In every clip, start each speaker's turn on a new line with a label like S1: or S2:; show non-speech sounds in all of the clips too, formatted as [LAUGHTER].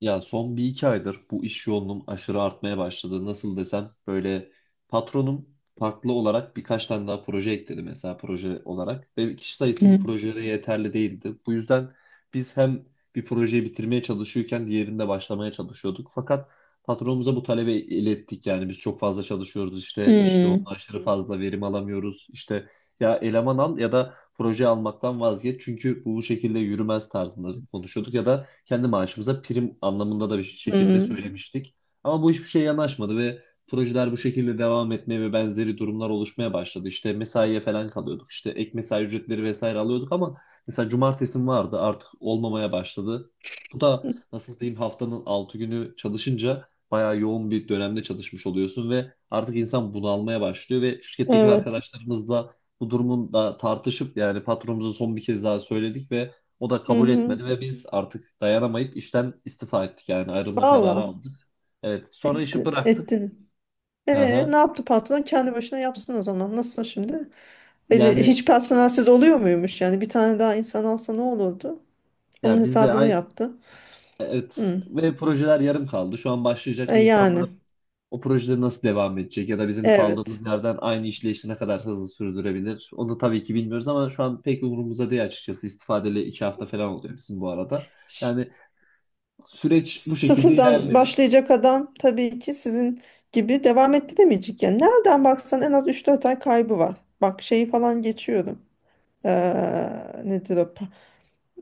S1: Ya son bir iki aydır bu iş yoğunluğum aşırı artmaya başladı. Nasıl desem böyle patronum farklı olarak birkaç tane daha proje ekledi mesela proje olarak. Ve kişi sayısı bu
S2: Hı.
S1: projelere yeterli değildi. Bu yüzden biz hem bir projeyi bitirmeye çalışıyorken diğerinde başlamaya çalışıyorduk. Fakat patronumuza bu talebi ilettik, yani biz çok fazla çalışıyoruz, işte iş yoğunluğu
S2: Hı.
S1: aşırı fazla, verim alamıyoruz. İşte ya eleman al ya da proje almaktan vazgeç, çünkü bu şekilde yürümez tarzında konuşuyorduk ya da kendi maaşımıza prim anlamında da bir şekilde
S2: Hı.
S1: söylemiştik. Ama bu hiçbir şeye yanaşmadı ve projeler bu şekilde devam etmeye ve benzeri durumlar oluşmaya başladı. İşte mesaiye falan kalıyorduk. İşte ek mesai ücretleri vesaire alıyorduk ama mesela cumartesim vardı, artık olmamaya başladı. Bu da nasıl diyeyim, haftanın 6 günü çalışınca bayağı yoğun bir dönemde çalışmış oluyorsun ve artık insan bunalmaya başlıyor ve şirketteki
S2: Evet.
S1: arkadaşlarımızla bu durumun da tartışıp yani patronumuza son bir kez daha söyledik ve o da
S2: Hı
S1: kabul
S2: hı.
S1: etmedi ve biz artık dayanamayıp işten istifa ettik, yani ayrılma kararı
S2: Valla.
S1: aldık. Evet, sonra işi
S2: Etti,
S1: bıraktık.
S2: ettiniz. E, Ne
S1: Aha.
S2: yaptı patron? Kendi başına yapsın o zaman. Nasıl şimdi? Öyle
S1: Yani
S2: hiç personelsiz oluyor muymuş yani? Bir tane daha insan alsa ne olurdu? Onun
S1: ya biz de
S2: hesabını
S1: ay
S2: yaptı.
S1: evet,
S2: Hı.
S1: ve projeler yarım kaldı. Şu an
S2: E,
S1: başlayacak insanlar
S2: yani.
S1: o projeleri nasıl devam edecek ya da bizim
S2: Evet.
S1: kaldığımız yerden aynı işleyişi ne kadar hızlı sürdürebilir? Onu tabii ki bilmiyoruz ama şu an pek umurumuzda değil açıkçası. İstifadeli 2 hafta falan oluyor bizim bu arada.
S2: Ş-
S1: Yani süreç bu şekilde
S2: Sıfırdan
S1: ilerliyor.
S2: başlayacak adam tabii ki sizin gibi devam ettiremeyecek. Yani nereden baksan en az üç dört ay kaybı var. Bak şeyi falan geçiyorum. Nedir o?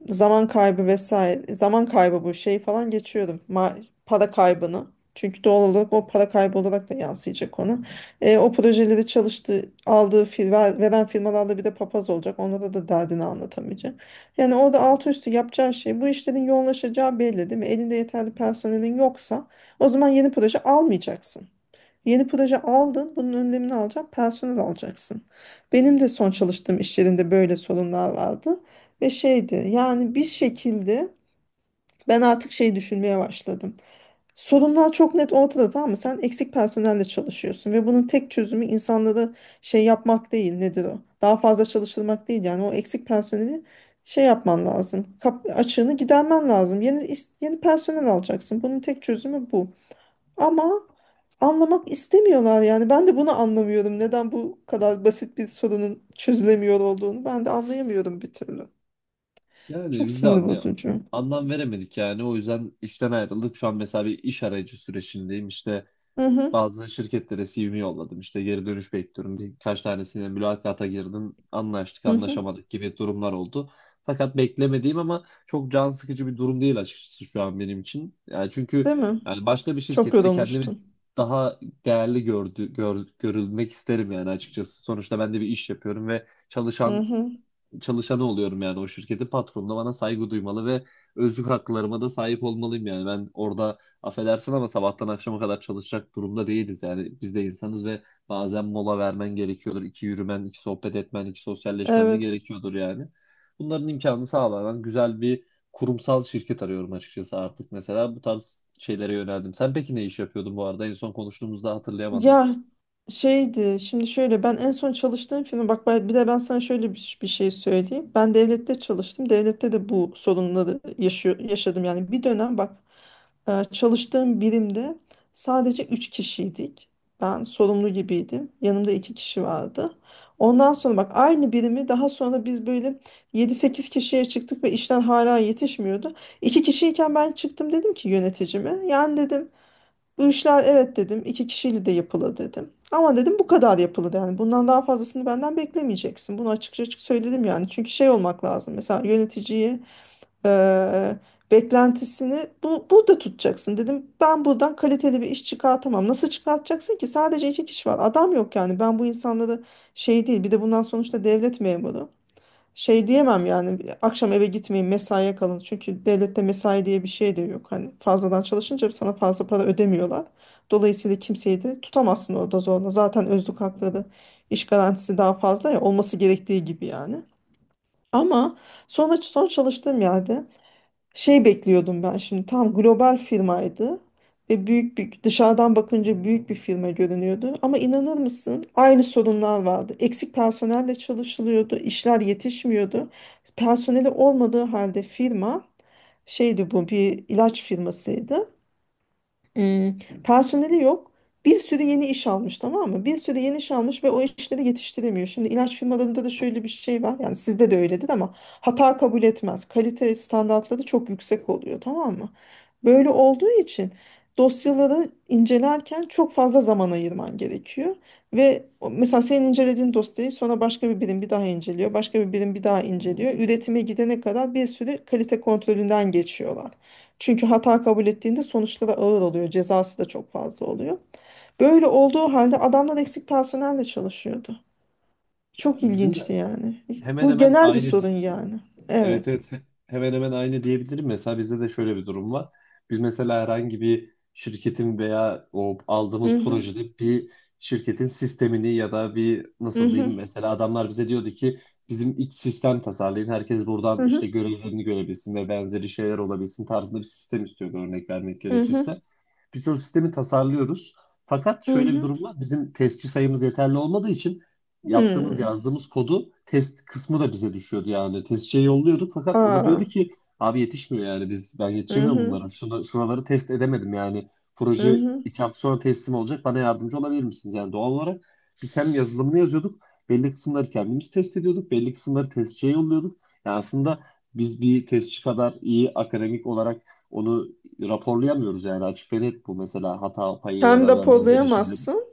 S2: Zaman kaybı vesaire, zaman kaybı, bu şey falan geçiyorum, ma para kaybını, çünkü doğal olarak o para kaybı olarak da yansıyacak ona. O projeleri çalıştığı aldığı veren firmalarda bir de papaz olacak, onlara da derdini anlatamayacak yani. Orada altı üstü yapacağı şey, bu işlerin yoğunlaşacağı belli değil mi? Elinde yeterli personelin yoksa o zaman yeni proje almayacaksın. Yeni proje aldın, bunun önlemini alacak, personel alacaksın. Benim de son çalıştığım iş yerinde böyle sorunlar vardı ve şeydi yani bir şekilde ben artık şey düşünmeye başladım. Sorunlar çok net ortada, tamam mı? Sen eksik personelle çalışıyorsun ve bunun tek çözümü insanları şey yapmak değil, nedir o? Daha fazla çalıştırmak değil yani. O eksik personeli şey yapman lazım. Açığını gidermen lazım. Yeni, yeni personel alacaksın. Bunun tek çözümü bu. Ama anlamak istemiyorlar yani. Ben de bunu anlamıyorum. Neden bu kadar basit bir sorunun çözülemiyor olduğunu ben de anlayamıyorum bir türlü.
S1: Yani
S2: Çok sinir bozucu.
S1: anlam veremedik yani. O yüzden işten ayrıldık. Şu an mesela bir iş arayıcı sürecindeyim. İşte
S2: Hı hı,
S1: bazı şirketlere CV'mi yolladım. İşte geri dönüş bekliyorum. Birkaç tanesine mülakata girdim. Anlaştık,
S2: hı hı.
S1: anlaşamadık gibi durumlar oldu. Fakat beklemediğim ama çok can sıkıcı bir durum değil açıkçası şu an benim için. Yani çünkü
S2: Değil mi?
S1: yani başka bir
S2: Çok
S1: şirkette kendimi
S2: yorulmuştun.
S1: daha değerli görülmek isterim yani açıkçası. Sonuçta ben de bir iş yapıyorum ve
S2: Hı
S1: çalışan
S2: hı.
S1: çalışanı oluyorum yani, o şirketin patronu da bana saygı duymalı ve özlük haklarıma da sahip olmalıyım. Yani ben orada affedersin ama sabahtan akşama kadar çalışacak durumda değiliz, yani biz de insanız ve bazen mola vermen gerekiyordur, iki yürümen, iki sohbet etmen, iki sosyalleşmen de
S2: Evet.
S1: gerekiyordur yani. Bunların imkanını sağlanan güzel bir kurumsal şirket arıyorum açıkçası artık, mesela bu tarz şeylere yöneldim. Sen peki ne iş yapıyordun bu arada? En son konuştuğumuzda hatırlayamadım.
S2: Ya şeydi şimdi şöyle, ben en son çalıştığım firma, bir de ben sana şöyle bir şey söyleyeyim. Ben devlette çalıştım. Devlette de bu sorunları yaşadım. Yani bir dönem bak, çalıştığım birimde sadece 3 kişiydik. Ben sorumlu gibiydim. Yanımda 2 kişi vardı. Ondan sonra bak, aynı birimi daha sonra biz böyle yedi sekiz kişiye çıktık ve işten hala yetişmiyordu. İki kişiyken ben çıktım, dedim ki yöneticime. Yani dedim, bu işler evet dedim, iki kişiyle de yapılır dedim. Ama dedim bu kadar yapılır yani. Bundan daha fazlasını benden beklemeyeceksin. Bunu açıkça açık söyledim yani. Çünkü şey olmak lazım. Mesela yöneticiyi, eee, beklentisini bu burada tutacaksın dedim. Ben buradan kaliteli bir iş çıkartamam. Nasıl çıkartacaksın ki? Sadece iki kişi var. Adam yok yani. Ben bu insanları şey değil. Bir de bundan, sonuçta devlet memuru. Şey diyemem yani, akşam eve gitmeyin mesaiye kalın. Çünkü devlette mesai diye bir şey de yok. Hani fazladan çalışınca sana fazla para ödemiyorlar. Dolayısıyla kimseyi de tutamazsın orada zorla. Zaten özlük hakları, iş garantisi daha fazla, ya olması gerektiği gibi yani. Ama sonra son çalıştığım yerde şey bekliyordum ben, şimdi tam global firmaydı ve büyük bir, dışarıdan bakınca büyük bir firma görünüyordu, ama inanır mısın aynı sorunlar vardı. Eksik personelle çalışılıyordu, işler yetişmiyordu. Personeli olmadığı halde firma şeydi, bu bir ilaç firmasıydı. Hmm, personeli yok. Bir sürü yeni iş almış, tamam mı? Bir sürü yeni iş almış ve o işleri yetiştiremiyor. Şimdi ilaç firmalarında da şöyle bir şey var. Yani sizde de öyledir ama hata kabul etmez. Kalite standartları çok yüksek oluyor, tamam mı? Böyle olduğu için dosyaları incelerken çok fazla zaman ayırman gerekiyor. Ve mesela senin incelediğin dosyayı sonra başka bir birim bir daha inceliyor. Başka bir birim bir daha inceliyor. Üretime gidene kadar bir sürü kalite kontrolünden geçiyorlar. Çünkü hata kabul ettiğinde sonuçları ağır oluyor. Cezası da çok fazla oluyor. Böyle olduğu halde adamlar eksik personelle çalışıyordu.
S1: Ya
S2: Çok
S1: bizim
S2: ilginçti
S1: de
S2: yani.
S1: hemen
S2: Bu
S1: hemen
S2: genel bir
S1: aynı.
S2: sorun yani.
S1: Evet,
S2: Evet.
S1: evet. Hemen hemen aynı diyebilirim. Mesela bizde de şöyle bir durum var. Biz mesela herhangi bir şirketin veya o aldığımız
S2: Hı hı.
S1: projede bir şirketin sistemini ya da bir
S2: Hı
S1: nasıl
S2: hı.
S1: diyeyim, mesela adamlar bize diyordu ki bizim iç sistem tasarlayın. Herkes
S2: Hı
S1: buradan
S2: hı.
S1: işte görevlerini görebilsin ve benzeri şeyler olabilsin tarzında bir sistem istiyordu, örnek vermek
S2: Hı hı.
S1: gerekirse. Biz o sistemi tasarlıyoruz. Fakat
S2: Hı
S1: şöyle bir
S2: hı.
S1: durum var. Bizim testçi sayımız yeterli olmadığı için yaptığımız,
S2: Hmm.
S1: yazdığımız kodu test kısmı da bize düşüyordu yani. Testçiye yolluyorduk fakat o da diyordu
S2: Aa.
S1: ki abi yetişmiyor yani, ben
S2: Hı
S1: yetişemiyorum
S2: hı.
S1: bunlara. Şuraları test edemedim yani.
S2: Hı
S1: Proje
S2: hı.
S1: 2 hafta sonra teslim olacak, bana yardımcı olabilir misiniz? Yani doğal olarak biz hem yazılımını yazıyorduk, belli kısımları kendimiz test ediyorduk, belli kısımları testçiye yolluyorduk. Yani aslında biz bir testçi kadar iyi akademik olarak onu raporlayamıyoruz yani, açık ve net bu, mesela hata payı ya
S2: Hem
S1: da benzeri şeyleri.
S2: depolayamazsın,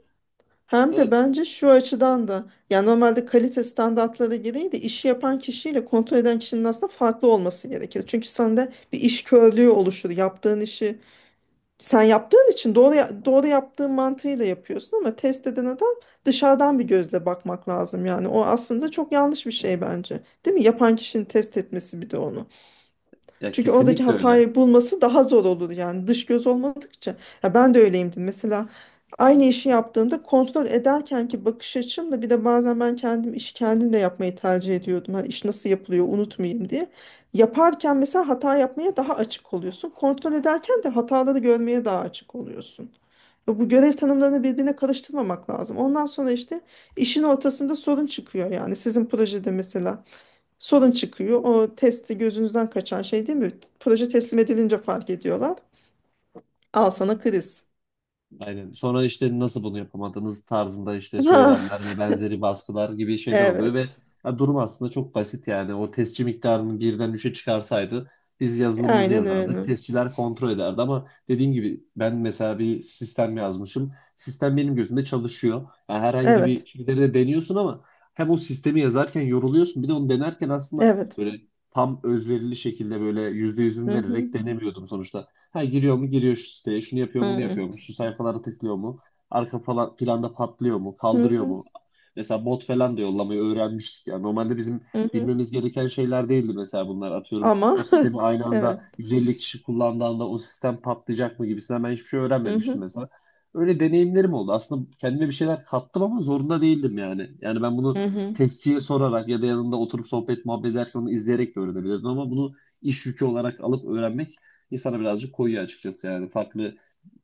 S2: hem de
S1: Evet,
S2: bence şu açıdan da, yani normalde kalite standartları gereği de işi yapan kişiyle kontrol eden kişinin aslında farklı olması gerekir. Çünkü sende bir iş körlüğü oluşur. Yaptığın işi sen yaptığın için doğru yaptığın mantığıyla yapıyorsun, ama test eden adam dışarıdan bir gözle bakmak lazım yani. O aslında çok yanlış bir şey bence, değil mi, yapan kişinin test etmesi bir de onu.
S1: ya
S2: Çünkü oradaki
S1: kesinlikle öyle.
S2: hatayı bulması daha zor olur yani, dış göz olmadıkça. Ya ben de öyleyimdir. Mesela aynı işi yaptığımda kontrol ederken ki bakış açımla, bir de bazen ben kendim işi kendim de yapmayı tercih ediyordum. Hani iş nasıl yapılıyor unutmayayım diye. Yaparken mesela hata yapmaya daha açık oluyorsun. Kontrol ederken de hataları görmeye daha açık oluyorsun. Ve bu görev tanımlarını birbirine karıştırmamak lazım. Ondan sonra işte işin ortasında sorun çıkıyor yani. Sizin projede mesela sorun çıkıyor. O testi gözünüzden kaçan şey değil mi? Proje teslim edilince fark ediyorlar. Al sana kriz.
S1: Aynen. Sonra işte nasıl bunu yapamadınız tarzında işte
S2: Ah,
S1: söylemler ve benzeri baskılar gibi şeyler oluyor ve
S2: evet.
S1: ya durum aslında çok basit yani. O testçi miktarını birden üçe çıkarsaydı biz yazılımımızı
S2: Aynen
S1: yazardık,
S2: öyle.
S1: testçiler kontrol ederdi, ama dediğim gibi ben mesela bir sistem yazmışım. Sistem benim gözümde çalışıyor. Yani herhangi bir
S2: Evet.
S1: şeyleri de deniyorsun ama hem o sistemi yazarken yoruluyorsun, bir de onu denerken aslında
S2: Evet.
S1: böyle tam özverili şekilde böyle yüzde
S2: Hı
S1: yüzüm
S2: hı.
S1: vererek denemiyordum sonuçta. Ha, giriyor mu, giriyor şu siteye, şunu yapıyor
S2: Hı
S1: mu, bunu
S2: hı.
S1: yapıyor mu, şu sayfalara tıklıyor mu, planda patlıyor mu,
S2: Hı
S1: kaldırıyor
S2: hı.
S1: mu? Mesela bot falan da yollamayı öğrenmiştik ya. Normalde bizim
S2: Hı hı.
S1: bilmemiz gereken şeyler değildi mesela bunlar. Atıyorum o
S2: Ama
S1: sistemi
S2: [LAUGHS]
S1: aynı anda
S2: evet.
S1: 150 kişi kullandığında o sistem patlayacak mı gibisinden, ben hiçbir şey
S2: Hı
S1: öğrenmemiştim
S2: hı.
S1: mesela. Öyle deneyimlerim oldu. Aslında kendime bir şeyler kattım ama zorunda değildim yani. Yani ben bunu
S2: Hı hı.
S1: testçiye sorarak ya da yanında oturup sohbet muhabbet ederken onu izleyerek de öğrenebilirdim, ama bunu iş yükü olarak alıp öğrenmek insana birazcık koyuyor açıkçası yani. Farklı,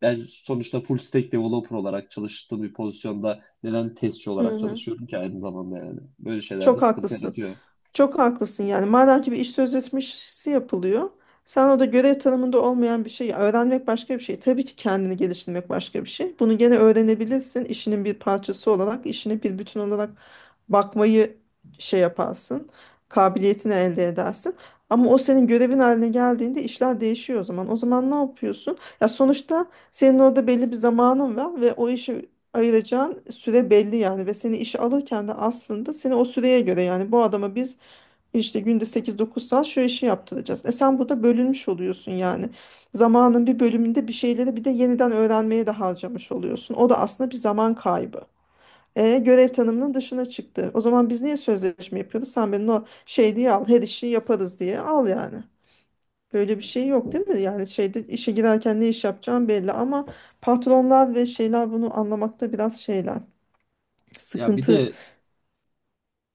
S1: ben sonuçta full stack developer olarak çalıştığım bir pozisyonda neden testçi
S2: Hı
S1: olarak
S2: hı.
S1: çalışıyorum ki aynı zamanda yani. Böyle şeyler de
S2: Çok
S1: sıkıntı
S2: haklısın.
S1: yaratıyor.
S2: Çok haklısın yani. Madem ki bir iş sözleşmesi yapılıyor. Sen orada görev tanımında olmayan bir şey, öğrenmek başka bir şey. Tabii ki kendini geliştirmek başka bir şey. Bunu gene öğrenebilirsin. İşinin bir parçası olarak, işine bir bütün olarak bakmayı şey yaparsın. Kabiliyetini elde edersin. Ama o senin görevin haline geldiğinde işler değişiyor o zaman. O zaman ne yapıyorsun? Ya sonuçta senin orada belli bir zamanın var ve o işe ayıracağın süre belli yani, ve seni işe alırken de aslında seni o süreye göre, yani bu adama biz işte günde sekiz dokuz saat şu işi yaptıracağız. E sen burada bölünmüş oluyorsun yani. Zamanın bir bölümünde bir şeyleri bir de yeniden öğrenmeye de harcamış oluyorsun. O da aslında bir zaman kaybı. E, görev tanımının dışına çıktı. O zaman biz niye sözleşme yapıyoruz? Sen benim o şey diye al, her işi yaparız diye al yani. Böyle bir şey yok değil mi? Yani şeyde, işe girerken ne iş yapacağım belli, ama patronlar ve şeyler bunu anlamakta biraz şeyler.
S1: Ya bir
S2: Sıkıntı.
S1: de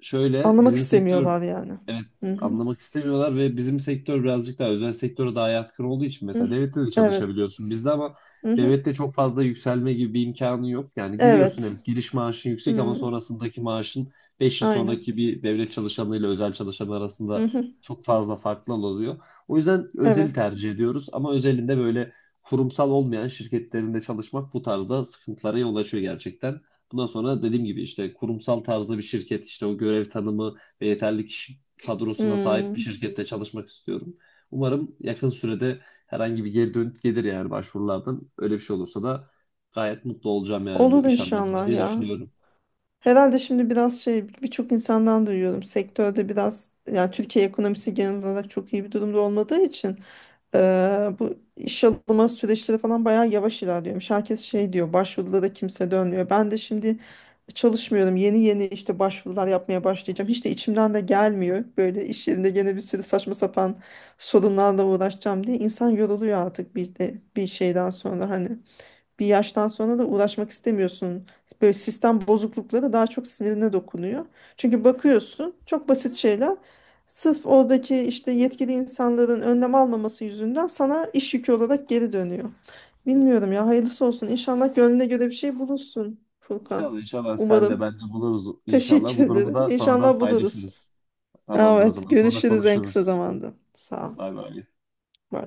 S1: şöyle
S2: Anlamak
S1: bizim sektör,
S2: istemiyorlar yani.
S1: evet,
S2: Hı hı.
S1: anlamak istemiyorlar ve bizim sektör birazcık daha özel sektöre daha yatkın olduğu için,
S2: Hı.
S1: mesela devlette de
S2: Evet.
S1: çalışabiliyorsun bizde ama
S2: Hı hı.
S1: devlette çok fazla yükselme gibi bir imkanı yok. Yani giriyorsun,
S2: Evet.
S1: evet, giriş maaşın yüksek ama
S2: Hmm,
S1: sonrasındaki maaşın, 5 yıl
S2: aynen.
S1: sonraki bir devlet çalışanıyla özel çalışan
S2: Hı
S1: arasında
S2: hı,
S1: çok fazla farklı oluyor. O yüzden özeli
S2: evet.
S1: tercih ediyoruz ama özelinde böyle kurumsal olmayan şirketlerinde çalışmak bu tarzda sıkıntılara yol açıyor gerçekten. Bundan sonra dediğim gibi işte kurumsal tarzda bir şirket, işte o görev tanımı ve yeterli kişi kadrosuna sahip bir
S2: Hmm,
S1: şirkette çalışmak istiyorum. Umarım yakın sürede herhangi bir geri dönüt gelir yani başvurulardan. Öyle bir şey olursa da gayet mutlu olacağım yani
S2: olur
S1: bu iş anlamında
S2: inşallah
S1: diye
S2: ya.
S1: düşünüyorum.
S2: Herhalde şimdi biraz şey, birçok insandan duyuyorum. Sektörde biraz, yani Türkiye ekonomisi genel olarak çok iyi bir durumda olmadığı için, eee, bu iş alma süreçleri falan bayağı yavaş ilerliyormuş. Herkes şey diyor, başvuruda da kimse dönmüyor. Ben de şimdi çalışmıyorum. Yeni yeni işte başvurular yapmaya başlayacağım. Hiç de içimden de gelmiyor. Böyle iş yerinde gene bir sürü saçma sapan sorunlarla uğraşacağım diye insan yoruluyor artık, bir de bir şeyden sonra, hani bir yaştan sonra da uğraşmak istemiyorsun. Böyle sistem bozuklukları da daha çok sinirine dokunuyor. Çünkü bakıyorsun çok basit şeyler sırf oradaki işte yetkili insanların önlem almaması yüzünden sana iş yükü olarak geri dönüyor. Bilmiyorum ya, hayırlısı olsun. İnşallah gönlüne göre bir şey bulursun Furkan.
S1: İnşallah inşallah, sen de
S2: Umarım.
S1: bence buluruz
S2: [LAUGHS]
S1: inşallah.
S2: Teşekkür
S1: Bu durumu
S2: ederim.
S1: da sonradan
S2: İnşallah buluruz.
S1: paylaşırız. Tamamdır, o
S2: Evet,
S1: zaman sonra
S2: görüşürüz en kısa
S1: konuşuruz.
S2: zamanda. Sağ ol.
S1: Bay bay.
S2: Bye.